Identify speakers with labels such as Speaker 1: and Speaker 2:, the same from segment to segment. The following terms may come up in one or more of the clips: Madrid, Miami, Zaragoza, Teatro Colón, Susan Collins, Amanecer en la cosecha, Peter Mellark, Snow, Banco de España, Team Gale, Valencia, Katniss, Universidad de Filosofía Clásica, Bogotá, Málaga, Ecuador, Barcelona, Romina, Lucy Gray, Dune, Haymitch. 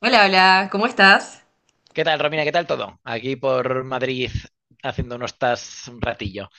Speaker 1: Hola, hola, ¿cómo estás?
Speaker 2: ¿Qué tal, Romina? ¿Qué tal todo? Aquí por Madrid haciendo unos tas un ratillo.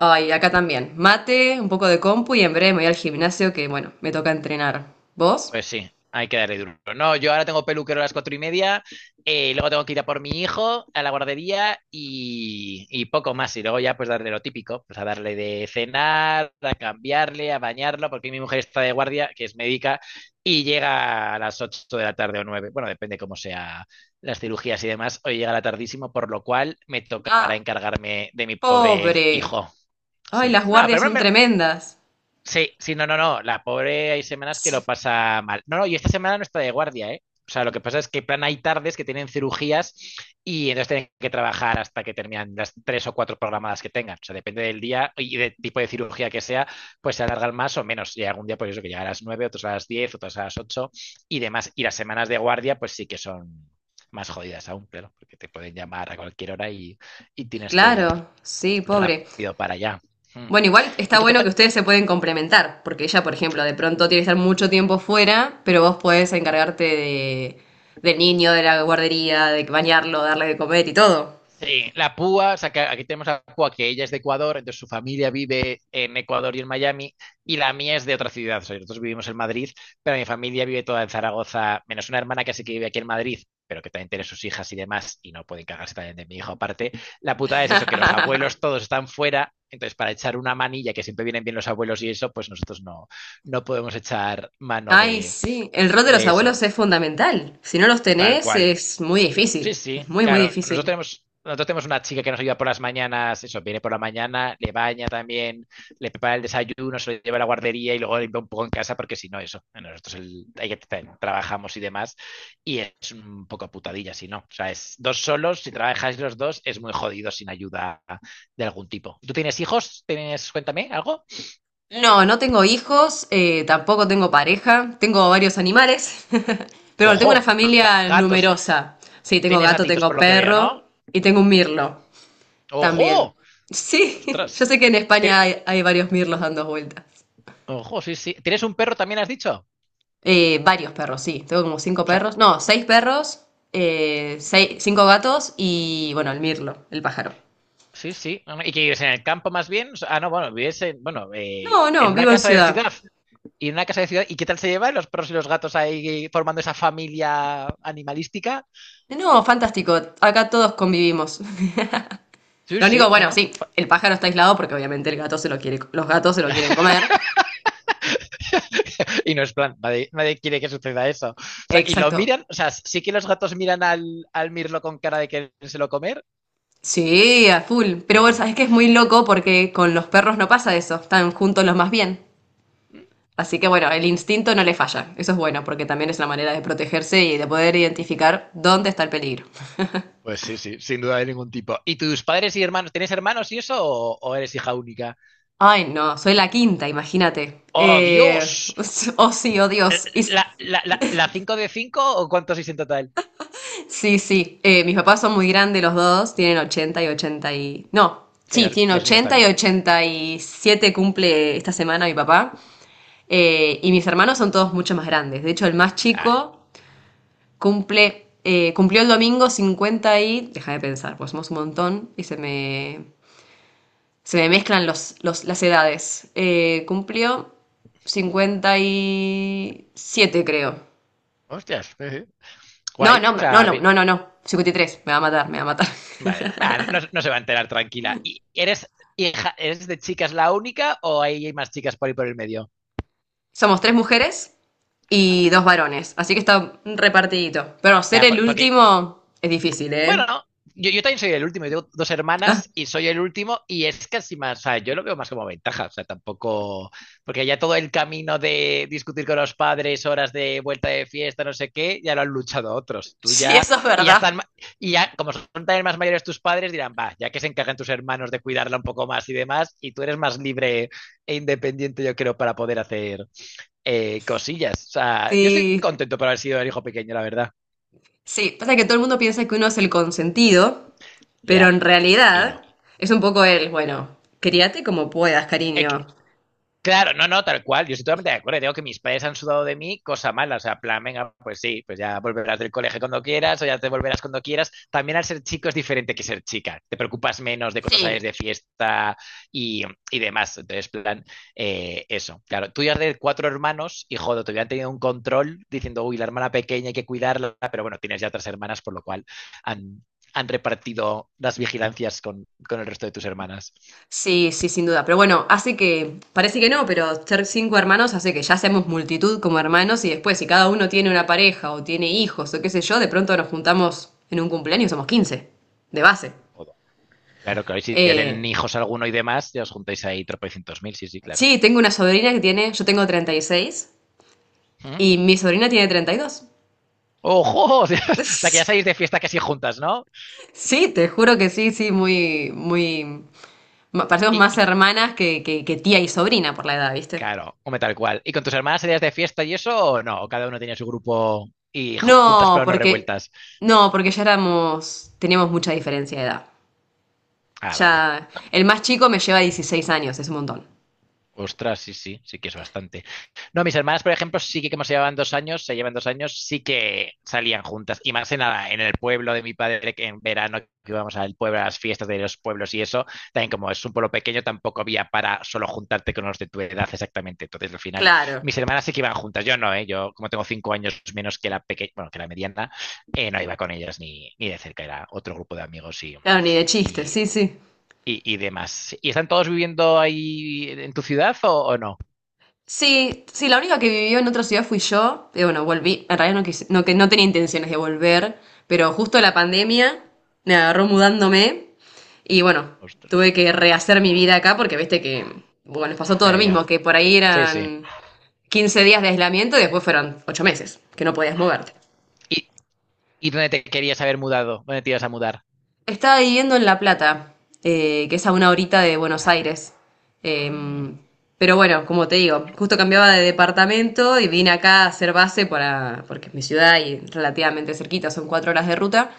Speaker 1: Ay, acá también. Mate, un poco de compu y en breve me voy al gimnasio que, bueno, me toca entrenar. ¿Vos?
Speaker 2: Pues sí, hay que darle duro. No, yo ahora tengo peluquero a las 4:30, luego tengo que ir a por mi hijo a la guardería y poco más. Y luego ya pues darle lo típico, pues a darle de cenar, a cambiarle, a bañarlo, porque mi mujer está de guardia, que es médica, y llega a las ocho de la tarde o nueve. Bueno, depende cómo sea las cirugías y demás. Hoy llega la tardísimo, por lo cual me tocará
Speaker 1: Ah,
Speaker 2: encargarme de mi pobre
Speaker 1: pobre.
Speaker 2: hijo.
Speaker 1: Ay,
Speaker 2: Sí,
Speaker 1: las
Speaker 2: no,
Speaker 1: guardias
Speaker 2: pero
Speaker 1: son
Speaker 2: me-
Speaker 1: tremendas.
Speaker 2: sí, sí, no, no, no. La pobre hay semanas que
Speaker 1: Sí.
Speaker 2: lo pasa mal. No, no, y esta semana no está de guardia, ¿eh? O sea, lo que pasa es que en plan hay tardes que tienen cirugías y entonces tienen que trabajar hasta que terminan las tres o cuatro programadas que tengan. O sea, depende del día y del tipo de cirugía que sea, pues se alargan más o menos. Y algún día, pues eso, que llega a las nueve, otros a las diez, otros a las ocho y demás. Y las semanas de guardia, pues sí que son más jodidas aún, claro, porque te pueden llamar a cualquier hora y tienes que ir
Speaker 1: Claro, sí, pobre.
Speaker 2: rápido para allá. Mm.
Speaker 1: Bueno, igual
Speaker 2: ¿Y
Speaker 1: está
Speaker 2: tú qué
Speaker 1: bueno que
Speaker 2: tal?
Speaker 1: ustedes se pueden complementar, porque ella, por ejemplo, de pronto tiene que estar mucho tiempo fuera, pero vos podés encargarte de, del niño, de la guardería, de bañarlo, darle de comer y todo.
Speaker 2: Sí, la púa, o sea, que aquí tenemos a la púa que ella es de Ecuador, entonces su familia vive en Ecuador y en Miami, y la mía es de otra ciudad. O sea, nosotros vivimos en Madrid, pero mi familia vive toda en Zaragoza, menos una hermana que sí que vive aquí en Madrid, pero que también tiene sus hijas y demás, y no pueden cagarse también de mi hijo aparte. La putada es eso, que los abuelos todos están fuera, entonces para echar una manilla, que siempre vienen bien los abuelos y eso, pues nosotros no, no podemos echar mano
Speaker 1: Ay, sí, el rol de los
Speaker 2: de eso.
Speaker 1: abuelos es fundamental. Si no los
Speaker 2: Tal
Speaker 1: tenés,
Speaker 2: cual.
Speaker 1: es muy
Speaker 2: Sí,
Speaker 1: difícil.
Speaker 2: sí,
Speaker 1: Es muy, muy
Speaker 2: claro.
Speaker 1: difícil.
Speaker 2: Nosotros tenemos una chica que nos ayuda por las mañanas, eso, viene por la mañana, le baña también, le prepara el desayuno, se lo lleva a la guardería y luego limpia un poco en casa porque si no, eso, nosotros el- ahí que tra- trabajamos y demás y es un poco putadilla si no. O sea, es dos solos, si trabajáis los dos es muy jodido sin ayuda de algún tipo. ¿Tú tienes hijos? ¿Tienes, cuéntame, algo?
Speaker 1: No, no tengo hijos, tampoco tengo pareja, tengo varios animales, pero bueno, tengo una familia
Speaker 2: Gatos,
Speaker 1: numerosa. Sí, tengo
Speaker 2: tienes
Speaker 1: gato,
Speaker 2: gatitos por
Speaker 1: tengo
Speaker 2: lo que veo,
Speaker 1: perro
Speaker 2: ¿no?
Speaker 1: y tengo un mirlo también.
Speaker 2: Ojo,
Speaker 1: Sí, yo
Speaker 2: ostras.
Speaker 1: sé que en España
Speaker 2: Tiene-
Speaker 1: hay, hay varios mirlos dando vueltas.
Speaker 2: Ojo, sí, sí. ¿Tienes un perro también, has dicho?
Speaker 1: Varios perros, sí. Tengo como cinco
Speaker 2: O sea,
Speaker 1: perros, no, seis perros, cinco gatos y bueno, el mirlo, el pájaro.
Speaker 2: sí, sí. No, no, y que vives en el campo más bien. O sea, ah, no, bueno, vives en, bueno,
Speaker 1: No, no,
Speaker 2: en una
Speaker 1: vivo en
Speaker 2: casa de
Speaker 1: ciudad.
Speaker 2: ciudad. Y en una casa de ciudad. ¿Y qué tal se llevan los perros y los gatos ahí formando esa familia animalística?
Speaker 1: No, fantástico. Acá todos convivimos.
Speaker 2: Sí,
Speaker 1: Lo único,
Speaker 2: sí, no,
Speaker 1: bueno,
Speaker 2: no.
Speaker 1: sí,
Speaker 2: fa-
Speaker 1: el pájaro está aislado porque obviamente el gato se lo quiere, los gatos se lo quieren comer.
Speaker 2: Y no es plan, nadie, nadie quiere que suceda eso. O sea, y lo
Speaker 1: Exacto.
Speaker 2: miran, o sea, sí que los gatos miran al, al mirlo con cara de querérselo comer.
Speaker 1: Sí, a full.
Speaker 2: Sí,
Speaker 1: Pero bueno,
Speaker 2: sí.
Speaker 1: sabes que es muy loco porque con los perros no pasa eso. Están juntos los más bien.
Speaker 2: Mm.
Speaker 1: Así que bueno, el instinto no le falla. Eso es bueno porque también es la manera de protegerse y de poder identificar dónde está el peligro.
Speaker 2: Pues sí, sí, sin duda de ningún tipo. ¿Y tus padres y hermanos, tienes hermanos y eso o eres hija única?
Speaker 1: Ay, no, soy la quinta, imagínate.
Speaker 2: ¡Oh, Dios!
Speaker 1: Oh sí, oh Dios.
Speaker 2: ¿La 5 de 5 o cuántos hice en total?
Speaker 1: Sí, sí. Mis papás son muy grandes los dos, tienen 80 y 80 y... No,
Speaker 2: Sí,
Speaker 1: sí, tienen
Speaker 2: los míos
Speaker 1: 80 y
Speaker 2: también.
Speaker 1: 87 cumple esta semana mi papá. Y mis hermanos son todos mucho más grandes. De hecho, el más
Speaker 2: Ah,
Speaker 1: chico cumple, cumplió el domingo 50 y... Deja de pensar, pues somos un montón y se me mezclan las edades. Cumplió 57 creo.
Speaker 2: hostias, sí, sí.
Speaker 1: No,
Speaker 2: Guay.
Speaker 1: no,
Speaker 2: O
Speaker 1: no,
Speaker 2: sea,
Speaker 1: no,
Speaker 2: bien.
Speaker 1: no, no, no. 53. Me va a matar, me va a matar.
Speaker 2: Vale. Ah, no, no se va a enterar tranquila. ¿Y eres hija, eres de chicas la única o hay más chicas por ahí por el medio?
Speaker 1: Somos tres mujeres
Speaker 2: Ah,
Speaker 1: y dos
Speaker 2: vale.
Speaker 1: varones, así que está repartidito. Pero ser el
Speaker 2: Porque
Speaker 1: último es difícil,
Speaker 2: bueno,
Speaker 1: ¿eh?
Speaker 2: yo también soy el último, yo tengo dos
Speaker 1: Ah,
Speaker 2: hermanas y soy el último y es casi más, o sea, yo lo veo más como ventaja, o sea, tampoco, porque ya todo el camino de discutir con los padres, horas de vuelta de fiesta, no sé qué, ya lo han luchado otros, tú
Speaker 1: sí,
Speaker 2: ya,
Speaker 1: eso es
Speaker 2: y ya
Speaker 1: verdad.
Speaker 2: están, y ya, como son también más mayores tus padres, dirán, va, ya que se encargan tus hermanos de cuidarla un poco más y demás, y tú eres más libre e independiente, yo creo, para poder hacer cosillas, o sea, yo estoy
Speaker 1: Sí,
Speaker 2: contento por haber sido el hijo pequeño, la verdad,
Speaker 1: sí. Pasa que todo el mundo piensa que uno es el consentido, pero
Speaker 2: ya,
Speaker 1: en
Speaker 2: y
Speaker 1: realidad
Speaker 2: no.
Speaker 1: es un poco el, bueno, críate como puedas,
Speaker 2: Eh,
Speaker 1: cariño.
Speaker 2: Claro, no, no, tal cual. Yo estoy totalmente de acuerdo. Digo que mis padres han sudado de mí, cosa mala. O sea, plan, venga, pues sí, pues ya volverás del colegio cuando quieras o ya te volverás cuando quieras. También al ser chico es diferente que ser chica. Te preocupas menos de cuando sales
Speaker 1: Sí.
Speaker 2: de fiesta y, y demás. Entonces, plan, eso. Claro, tú ya de cuatro hermanos y joder, te hubieran tenido un control diciendo, uy, la hermana pequeña hay que cuidarla, pero bueno, tienes ya otras hermanas, por lo cual han, han repartido las vigilancias con el resto de tus hermanas.
Speaker 1: Sí, sí, sin duda. Pero bueno, hace que, parece que no, pero ser cinco hermanos hace que ya seamos multitud como hermanos y después si cada uno tiene una pareja o tiene hijos o qué sé yo, de pronto nos juntamos en un cumpleaños, somos quince de base.
Speaker 2: Claro, que hoy si ya tienen
Speaker 1: Eh,
Speaker 2: hijos alguno y demás, ya os juntáis ahí tropecientos mil, sí, sí, claro.
Speaker 1: sí, tengo una sobrina que tiene, yo tengo treinta y seis
Speaker 2: ¿Mm?
Speaker 1: y mi sobrina tiene 32.
Speaker 2: ¡Ojo! O sea, que ya salís de fiesta casi juntas, ¿no?
Speaker 1: Sí, te juro que sí, sí, muy, muy, parecemos
Speaker 2: Y,
Speaker 1: más
Speaker 2: y
Speaker 1: hermanas que tía y sobrina por la edad, ¿viste?
Speaker 2: claro, hombre, tal cual. ¿Y con tus hermanas salías de fiesta y eso o no? ¿O cada uno tenía su grupo y juntas
Speaker 1: No,
Speaker 2: pero no
Speaker 1: porque
Speaker 2: revueltas?
Speaker 1: no, porque ya éramos, teníamos mucha diferencia de edad.
Speaker 2: Ah, vale.
Speaker 1: Ya, el más chico me lleva 16 años, es un montón.
Speaker 2: Ostras, sí, sí, sí que es bastante. No, mis hermanas, por ejemplo, sí que como se llevaban 2 años, se llevan 2 años, sí que salían juntas. Y más en, en el pueblo de mi padre, que en verano que íbamos al pueblo, a las fiestas de los pueblos y eso, también como es un pueblo pequeño, tampoco había para solo juntarte con los de tu edad exactamente. Entonces, al final,
Speaker 1: Claro,
Speaker 2: mis hermanas sí que iban juntas. Yo no, ¿eh? Yo, como tengo 5 años menos que la pequeña, bueno, que la mediana, no iba con ellas ni de cerca, era otro grupo de amigos
Speaker 1: claro, ni de chiste,
Speaker 2: y,
Speaker 1: sí, sí.
Speaker 2: y demás. ¿Y están todos viviendo ahí en tu ciudad o no?
Speaker 1: Sí, sí, la única que vivió en otra ciudad fui yo. Y bueno, volví. En realidad no, no, que no tenía intenciones de volver, pero justo la pandemia me agarró mudándome. Y bueno,
Speaker 2: Ostras.
Speaker 1: tuve que rehacer mi vida acá porque viste que, bueno, nos pasó todo lo
Speaker 2: Ya,
Speaker 1: mismo,
Speaker 2: ya.
Speaker 1: que por ahí
Speaker 2: Sí, sí.
Speaker 1: eran 15 días de aislamiento y después fueron 8 meses, que no podías moverte.
Speaker 2: ¿Y, y dónde te querías haber mudado? ¿Dónde te ibas a mudar?
Speaker 1: Estaba viviendo en La Plata, que es a una horita de Buenos Aires.
Speaker 2: Mm,
Speaker 1: Em, pero bueno, como te digo, justo cambiaba de departamento y vine acá a hacer base para, porque es mi ciudad y relativamente cerquita, son cuatro horas de ruta.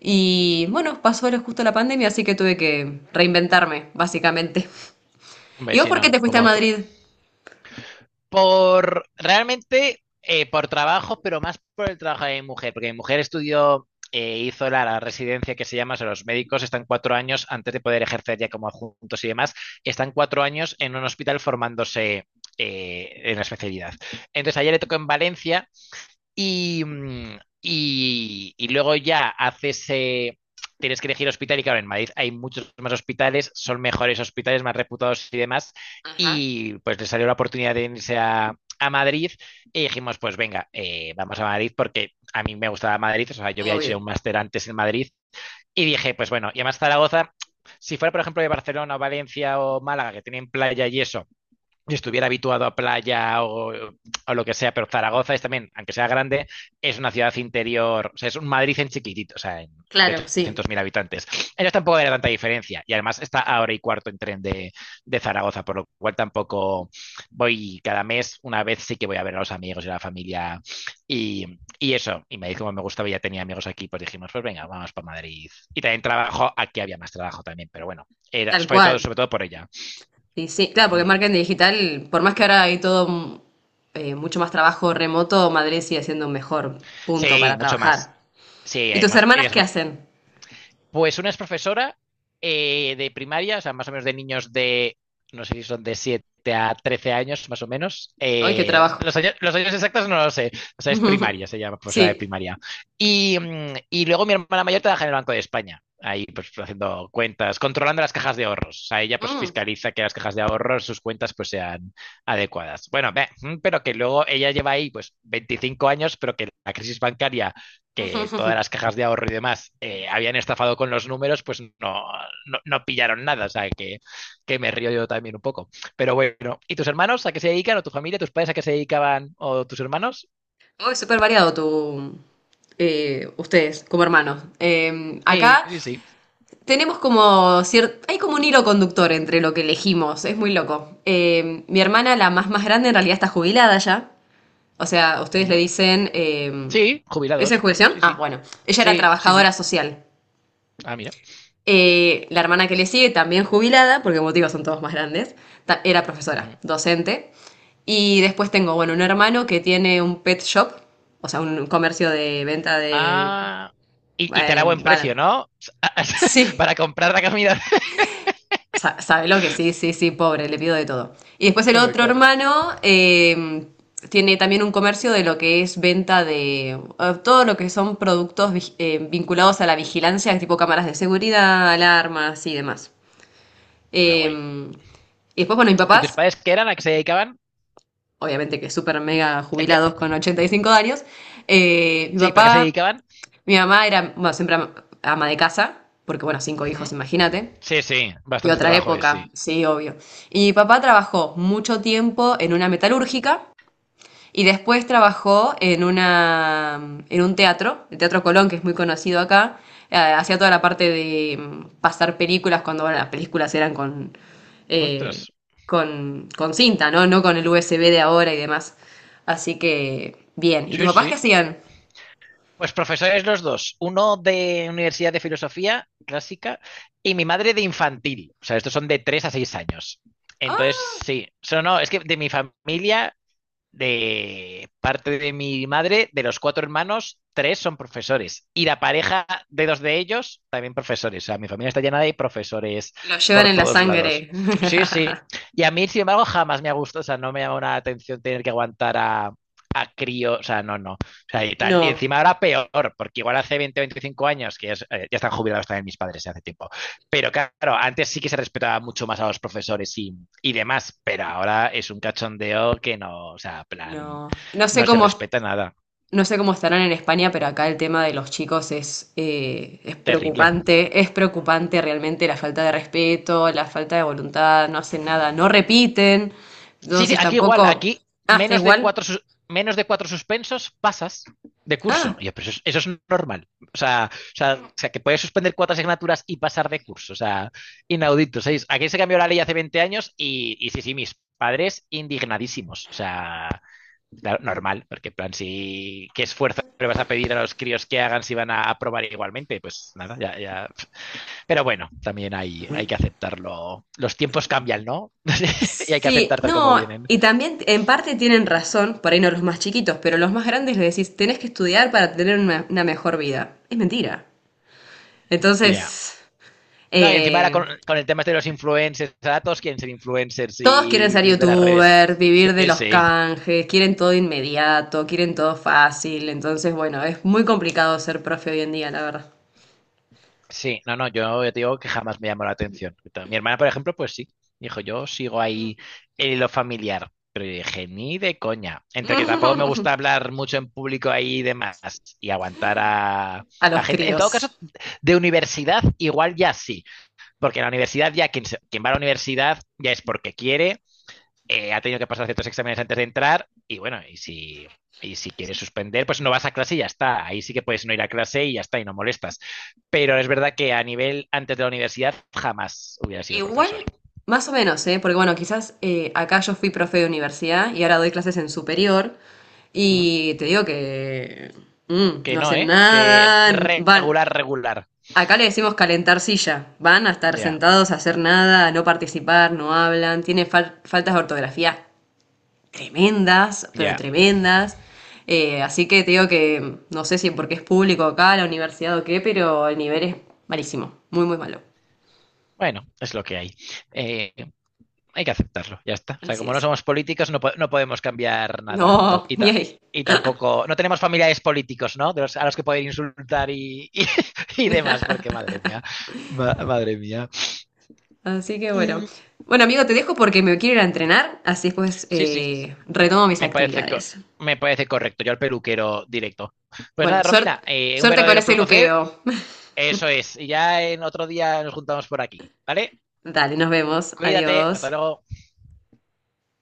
Speaker 1: Y bueno, justo la pandemia, así que tuve que reinventarme, básicamente.
Speaker 2: hombre,
Speaker 1: ¿Y vos
Speaker 2: sí,
Speaker 1: por qué
Speaker 2: no,
Speaker 1: te fuiste a
Speaker 2: como todo.
Speaker 1: Madrid?
Speaker 2: Por, realmente, por trabajo, pero más por el trabajo de mi mujer, porque mi mujer estudió, hizo la residencia que se llama, o sea, los médicos están 4 años, antes de poder ejercer ya como adjuntos y demás, están cuatro años en un hospital formándose en la especialidad. Entonces, ayer le tocó en Valencia. Y, y luego ya haces, tienes que elegir hospital y claro, en Madrid hay muchos más hospitales, son mejores hospitales, más reputados y demás.
Speaker 1: Ajá,
Speaker 2: Y pues le salió la oportunidad de irse a Madrid y dijimos, pues venga, vamos a Madrid porque a mí me gustaba Madrid, o sea, yo había hecho ya un
Speaker 1: obvio.
Speaker 2: máster antes en Madrid y dije, pues bueno, y además Zaragoza, si fuera por ejemplo de Barcelona o Valencia o Málaga, que tienen playa y eso yo estuviera habituado a playa lo que sea, pero Zaragoza es también, aunque sea grande, es una ciudad interior, o sea, es un Madrid en chiquitito, o sea, en, de
Speaker 1: Claro, sí,
Speaker 2: 800.000 habitantes. Ellos tampoco era tanta diferencia y además está a hora y cuarto en tren de, Zaragoza, por lo cual tampoco voy cada mes, una vez sí que voy a ver a los amigos y a la familia y eso, y me dijo como me gustaba, y ya tenía amigos aquí, pues dijimos, pues venga, vamos por Madrid. Y también trabajo, aquí había más trabajo también, pero bueno, era,
Speaker 1: tal cual.
Speaker 2: sobre todo por ella.
Speaker 1: Sí, sí, claro, porque marketing digital, por más que ahora hay todo mucho más trabajo remoto, Madrid sigue siendo un mejor punto
Speaker 2: Sí,
Speaker 1: para
Speaker 2: mucho más.
Speaker 1: trabajar.
Speaker 2: Sí,
Speaker 1: ¿Y
Speaker 2: hay
Speaker 1: tus
Speaker 2: más,
Speaker 1: hermanas
Speaker 2: ellas
Speaker 1: qué
Speaker 2: más.
Speaker 1: hacen?
Speaker 2: Pues una es profesora de primaria, o sea, más o menos de niños de, no sé si son de 7 a 13 años, más o menos.
Speaker 1: ¡Ay, qué trabajo!
Speaker 2: Los años exactos no lo sé. O sea, es primaria, se llama profesora de
Speaker 1: Sí.
Speaker 2: primaria. Y, y luego mi hermana mayor trabaja en el Banco de España. Ahí, pues, haciendo cuentas, controlando las cajas de ahorros. O sea, ella, pues,
Speaker 1: Mm.
Speaker 2: fiscaliza que las cajas de ahorros, sus cuentas, pues, sean adecuadas. Bueno, ve, pero que luego ella lleva ahí, pues, 25 años, pero que la crisis bancaria que todas las cajas de ahorro y demás habían estafado con los números, pues no, no, no pillaron nada. O sea, me río yo también un poco. Pero bueno, ¿y tus hermanos a qué se dedican? ¿O tu familia, tus padres a qué se dedicaban? ¿O tus hermanos?
Speaker 1: Oh, es súper variado tu, ustedes como hermanos.
Speaker 2: Sí,
Speaker 1: Acá
Speaker 2: sí. Sí.
Speaker 1: tenemos como cierto, hay como un hilo conductor entre lo que elegimos, es muy loco. Mi hermana, la más más grande, en realidad está jubilada ya. O sea, ustedes le
Speaker 2: Ujú.
Speaker 1: dicen.
Speaker 2: Sí,
Speaker 1: ¿Esa es
Speaker 2: jubilados.
Speaker 1: jubilación?
Speaker 2: Sí,
Speaker 1: Ah,
Speaker 2: sí.
Speaker 1: bueno. Ella era
Speaker 2: Sí, sí,
Speaker 1: trabajadora
Speaker 2: sí.
Speaker 1: social.
Speaker 2: Ah, mira.
Speaker 1: La hermana que le sigue, también jubilada, porque motivos son todos más grandes, era profesora,
Speaker 2: Ujú.
Speaker 1: docente. Y después tengo, bueno, un hermano que tiene un pet shop, o sea, un comercio de venta de.
Speaker 2: Ah, y te da
Speaker 1: eh,
Speaker 2: buen precio,
Speaker 1: bana-
Speaker 2: ¿no?
Speaker 1: sí,
Speaker 2: Para comprar la comida.
Speaker 1: Sabe lo que sí, sí, sí, pobre, le pido de todo. Y después el
Speaker 2: Hombre,
Speaker 1: otro
Speaker 2: claro.
Speaker 1: hermano tiene también un comercio de lo que es venta de todo lo que son productos vinculados a la vigilancia, tipo cámaras de seguridad, alarmas y demás.
Speaker 2: Ah,
Speaker 1: Eh,
Speaker 2: guay.
Speaker 1: y después, bueno, mis
Speaker 2: ¿Y tus
Speaker 1: papás,
Speaker 2: padres qué eran? ¿A qué se dedicaban?
Speaker 1: obviamente que súper mega
Speaker 2: ¿El qué?
Speaker 1: jubilados con 85 años, eh, mi
Speaker 2: Sí, ¿para qué se
Speaker 1: papá,
Speaker 2: dedicaban?
Speaker 1: mi mamá era, bueno, siempre ama de casa, porque bueno, cinco hijos, imagínate.
Speaker 2: Sí, sí,
Speaker 1: Y
Speaker 2: bastante
Speaker 1: otra
Speaker 2: trabajo es,
Speaker 1: época,
Speaker 2: sí.
Speaker 1: sí, obvio. Y mi papá trabajó mucho tiempo en una metalúrgica y después trabajó en una, en un teatro, el Teatro Colón, que es muy conocido acá. Hacía toda la parte de pasar películas cuando, bueno, las películas eran con, eh,
Speaker 2: Ostras.
Speaker 1: con cinta, ¿no? No con el USB de ahora y demás. Así que, bien. ¿Y tus
Speaker 2: Sí,
Speaker 1: papás qué
Speaker 2: sí.
Speaker 1: hacían?
Speaker 2: Pues profesores los dos, uno de Universidad de Filosofía Clásica y mi madre de infantil. O sea, estos son de 3 a 6 años.
Speaker 1: Ah,
Speaker 2: Entonces, sí. So, no, es que de mi familia de parte de mi madre, de los cuatro hermanos, tres son profesores. Y la pareja de dos de ellos, también profesores. O sea, mi familia está llena de profesores
Speaker 1: lo llevan
Speaker 2: por
Speaker 1: en la
Speaker 2: todos lados.
Speaker 1: sangre.
Speaker 2: Sí, sí. Y a mí, sin embargo, jamás me ha gustado. O sea, no me llama la atención tener que aguantar a crío. O sea, no, no. O sea, y tal. Y
Speaker 1: No,
Speaker 2: encima ahora peor, porque igual hace 20 25 años, ya están jubilados también mis padres hace tiempo. Pero claro, antes sí que se respetaba mucho más a los profesores y demás, pero ahora es un cachondeo que no, o sea, plan,
Speaker 1: no.
Speaker 2: no se respeta nada.
Speaker 1: No sé cómo estarán en España, pero acá el tema de los chicos
Speaker 2: Terrible.
Speaker 1: es preocupante realmente la falta de respeto, la falta de voluntad, no hacen nada, no repiten,
Speaker 2: Sí, sí,
Speaker 1: entonces
Speaker 2: aquí igual,
Speaker 1: tampoco...
Speaker 2: aquí
Speaker 1: Ah, está igual.
Speaker 2: menos de cuatro suspensos pasas de
Speaker 1: Ah,
Speaker 2: curso. Y yo, pero eso, eso es normal. O sea, o sea, que puedes suspender cuatro asignaturas y pasar de curso. O sea, inaudito. ¿Sabéis? Aquí se cambió la ley hace 20 años y sí, sí, mis padres indignadísimos. O sea, claro, normal, porque en plan, si qué esfuerzo le vas a pedir a los críos que hagan si van a aprobar igualmente, pues nada, ya, ya. Pero bueno, también hay que aceptarlo. Los tiempos cambian, ¿no? Y hay que
Speaker 1: sí,
Speaker 2: aceptar tal como
Speaker 1: no,
Speaker 2: vienen.
Speaker 1: y también en parte tienen razón, por ahí no los más chiquitos, pero los más grandes les decís, tenés que estudiar para tener una mejor vida. Es mentira.
Speaker 2: Ya.
Speaker 1: Entonces,
Speaker 2: No, y encima ahora
Speaker 1: eh,
Speaker 2: con el tema este de los influencers, ahora todos quieren ser influencers
Speaker 1: todos
Speaker 2: y
Speaker 1: quieren ser
Speaker 2: vivir de las redes.
Speaker 1: youtubers, vivir de
Speaker 2: Sí,
Speaker 1: los
Speaker 2: sí.
Speaker 1: canjes, quieren todo inmediato, quieren todo fácil. Entonces, bueno, es muy complicado ser profe hoy en día, la verdad,
Speaker 2: Sí, no, no, yo te digo que jamás me llamó la atención. Mi hermana, por ejemplo, pues sí. Dijo, yo sigo ahí en lo familiar. Pero yo dije, ni de coña. Entre que tampoco me gusta hablar mucho en público ahí y demás. Y aguantar
Speaker 1: a
Speaker 2: a
Speaker 1: los
Speaker 2: gente. En todo caso,
Speaker 1: críos.
Speaker 2: de universidad igual ya sí. Porque en la universidad ya quien va a la universidad ya es porque quiere ha tenido que pasar ciertos exámenes antes de entrar y bueno, y si quieres suspender, pues no vas a clase y ya está. Ahí sí que puedes no ir a clase y ya está, y no molestas. Pero es verdad que a nivel antes de la universidad jamás hubiera sido
Speaker 1: Igual,
Speaker 2: profesor.
Speaker 1: más o menos, ¿eh? Porque bueno, quizás acá yo fui profe de universidad y ahora doy clases en superior
Speaker 2: ¿Mm?
Speaker 1: y te digo que
Speaker 2: Que
Speaker 1: no
Speaker 2: no,
Speaker 1: hacen
Speaker 2: ¿eh? Que
Speaker 1: nada, van,
Speaker 2: regular, regular.
Speaker 1: acá le decimos calentar silla, van a estar
Speaker 2: Ya,
Speaker 1: sentados a hacer nada, a no participar, no hablan, tienen faltas de ortografía tremendas, pero
Speaker 2: ya.
Speaker 1: tremendas. Así que te digo que no sé si porque es público acá, la universidad o qué, pero el nivel es malísimo, muy, muy malo.
Speaker 2: Bueno, es lo que hay. Eh, Hay que aceptarlo, ya está. O sea,
Speaker 1: Así
Speaker 2: como no
Speaker 1: es.
Speaker 2: somos políticos, no podemos cambiar nada.
Speaker 1: No, ni ahí.
Speaker 2: Y tampoco, no tenemos familiares políticos, ¿no? A los que poder insultar y, y demás, porque madre mía, madre mía.
Speaker 1: Así que bueno.
Speaker 2: Mm,
Speaker 1: Bueno, amigo, te dejo porque me quiero ir a entrenar, así después
Speaker 2: sí, sí,
Speaker 1: retomo mis
Speaker 2: me parece, co-
Speaker 1: actividades.
Speaker 2: me parece correcto. Yo al peluquero directo. Pues
Speaker 1: Bueno,
Speaker 2: nada, Romina,
Speaker 1: suerte,
Speaker 2: un
Speaker 1: suerte con
Speaker 2: verdadero
Speaker 1: ese
Speaker 2: placer.
Speaker 1: luqueo.
Speaker 2: Eso es. Y ya en otro día nos juntamos por aquí, ¿vale?
Speaker 1: Dale, nos vemos.
Speaker 2: Cuídate, hasta
Speaker 1: Adiós.
Speaker 2: luego.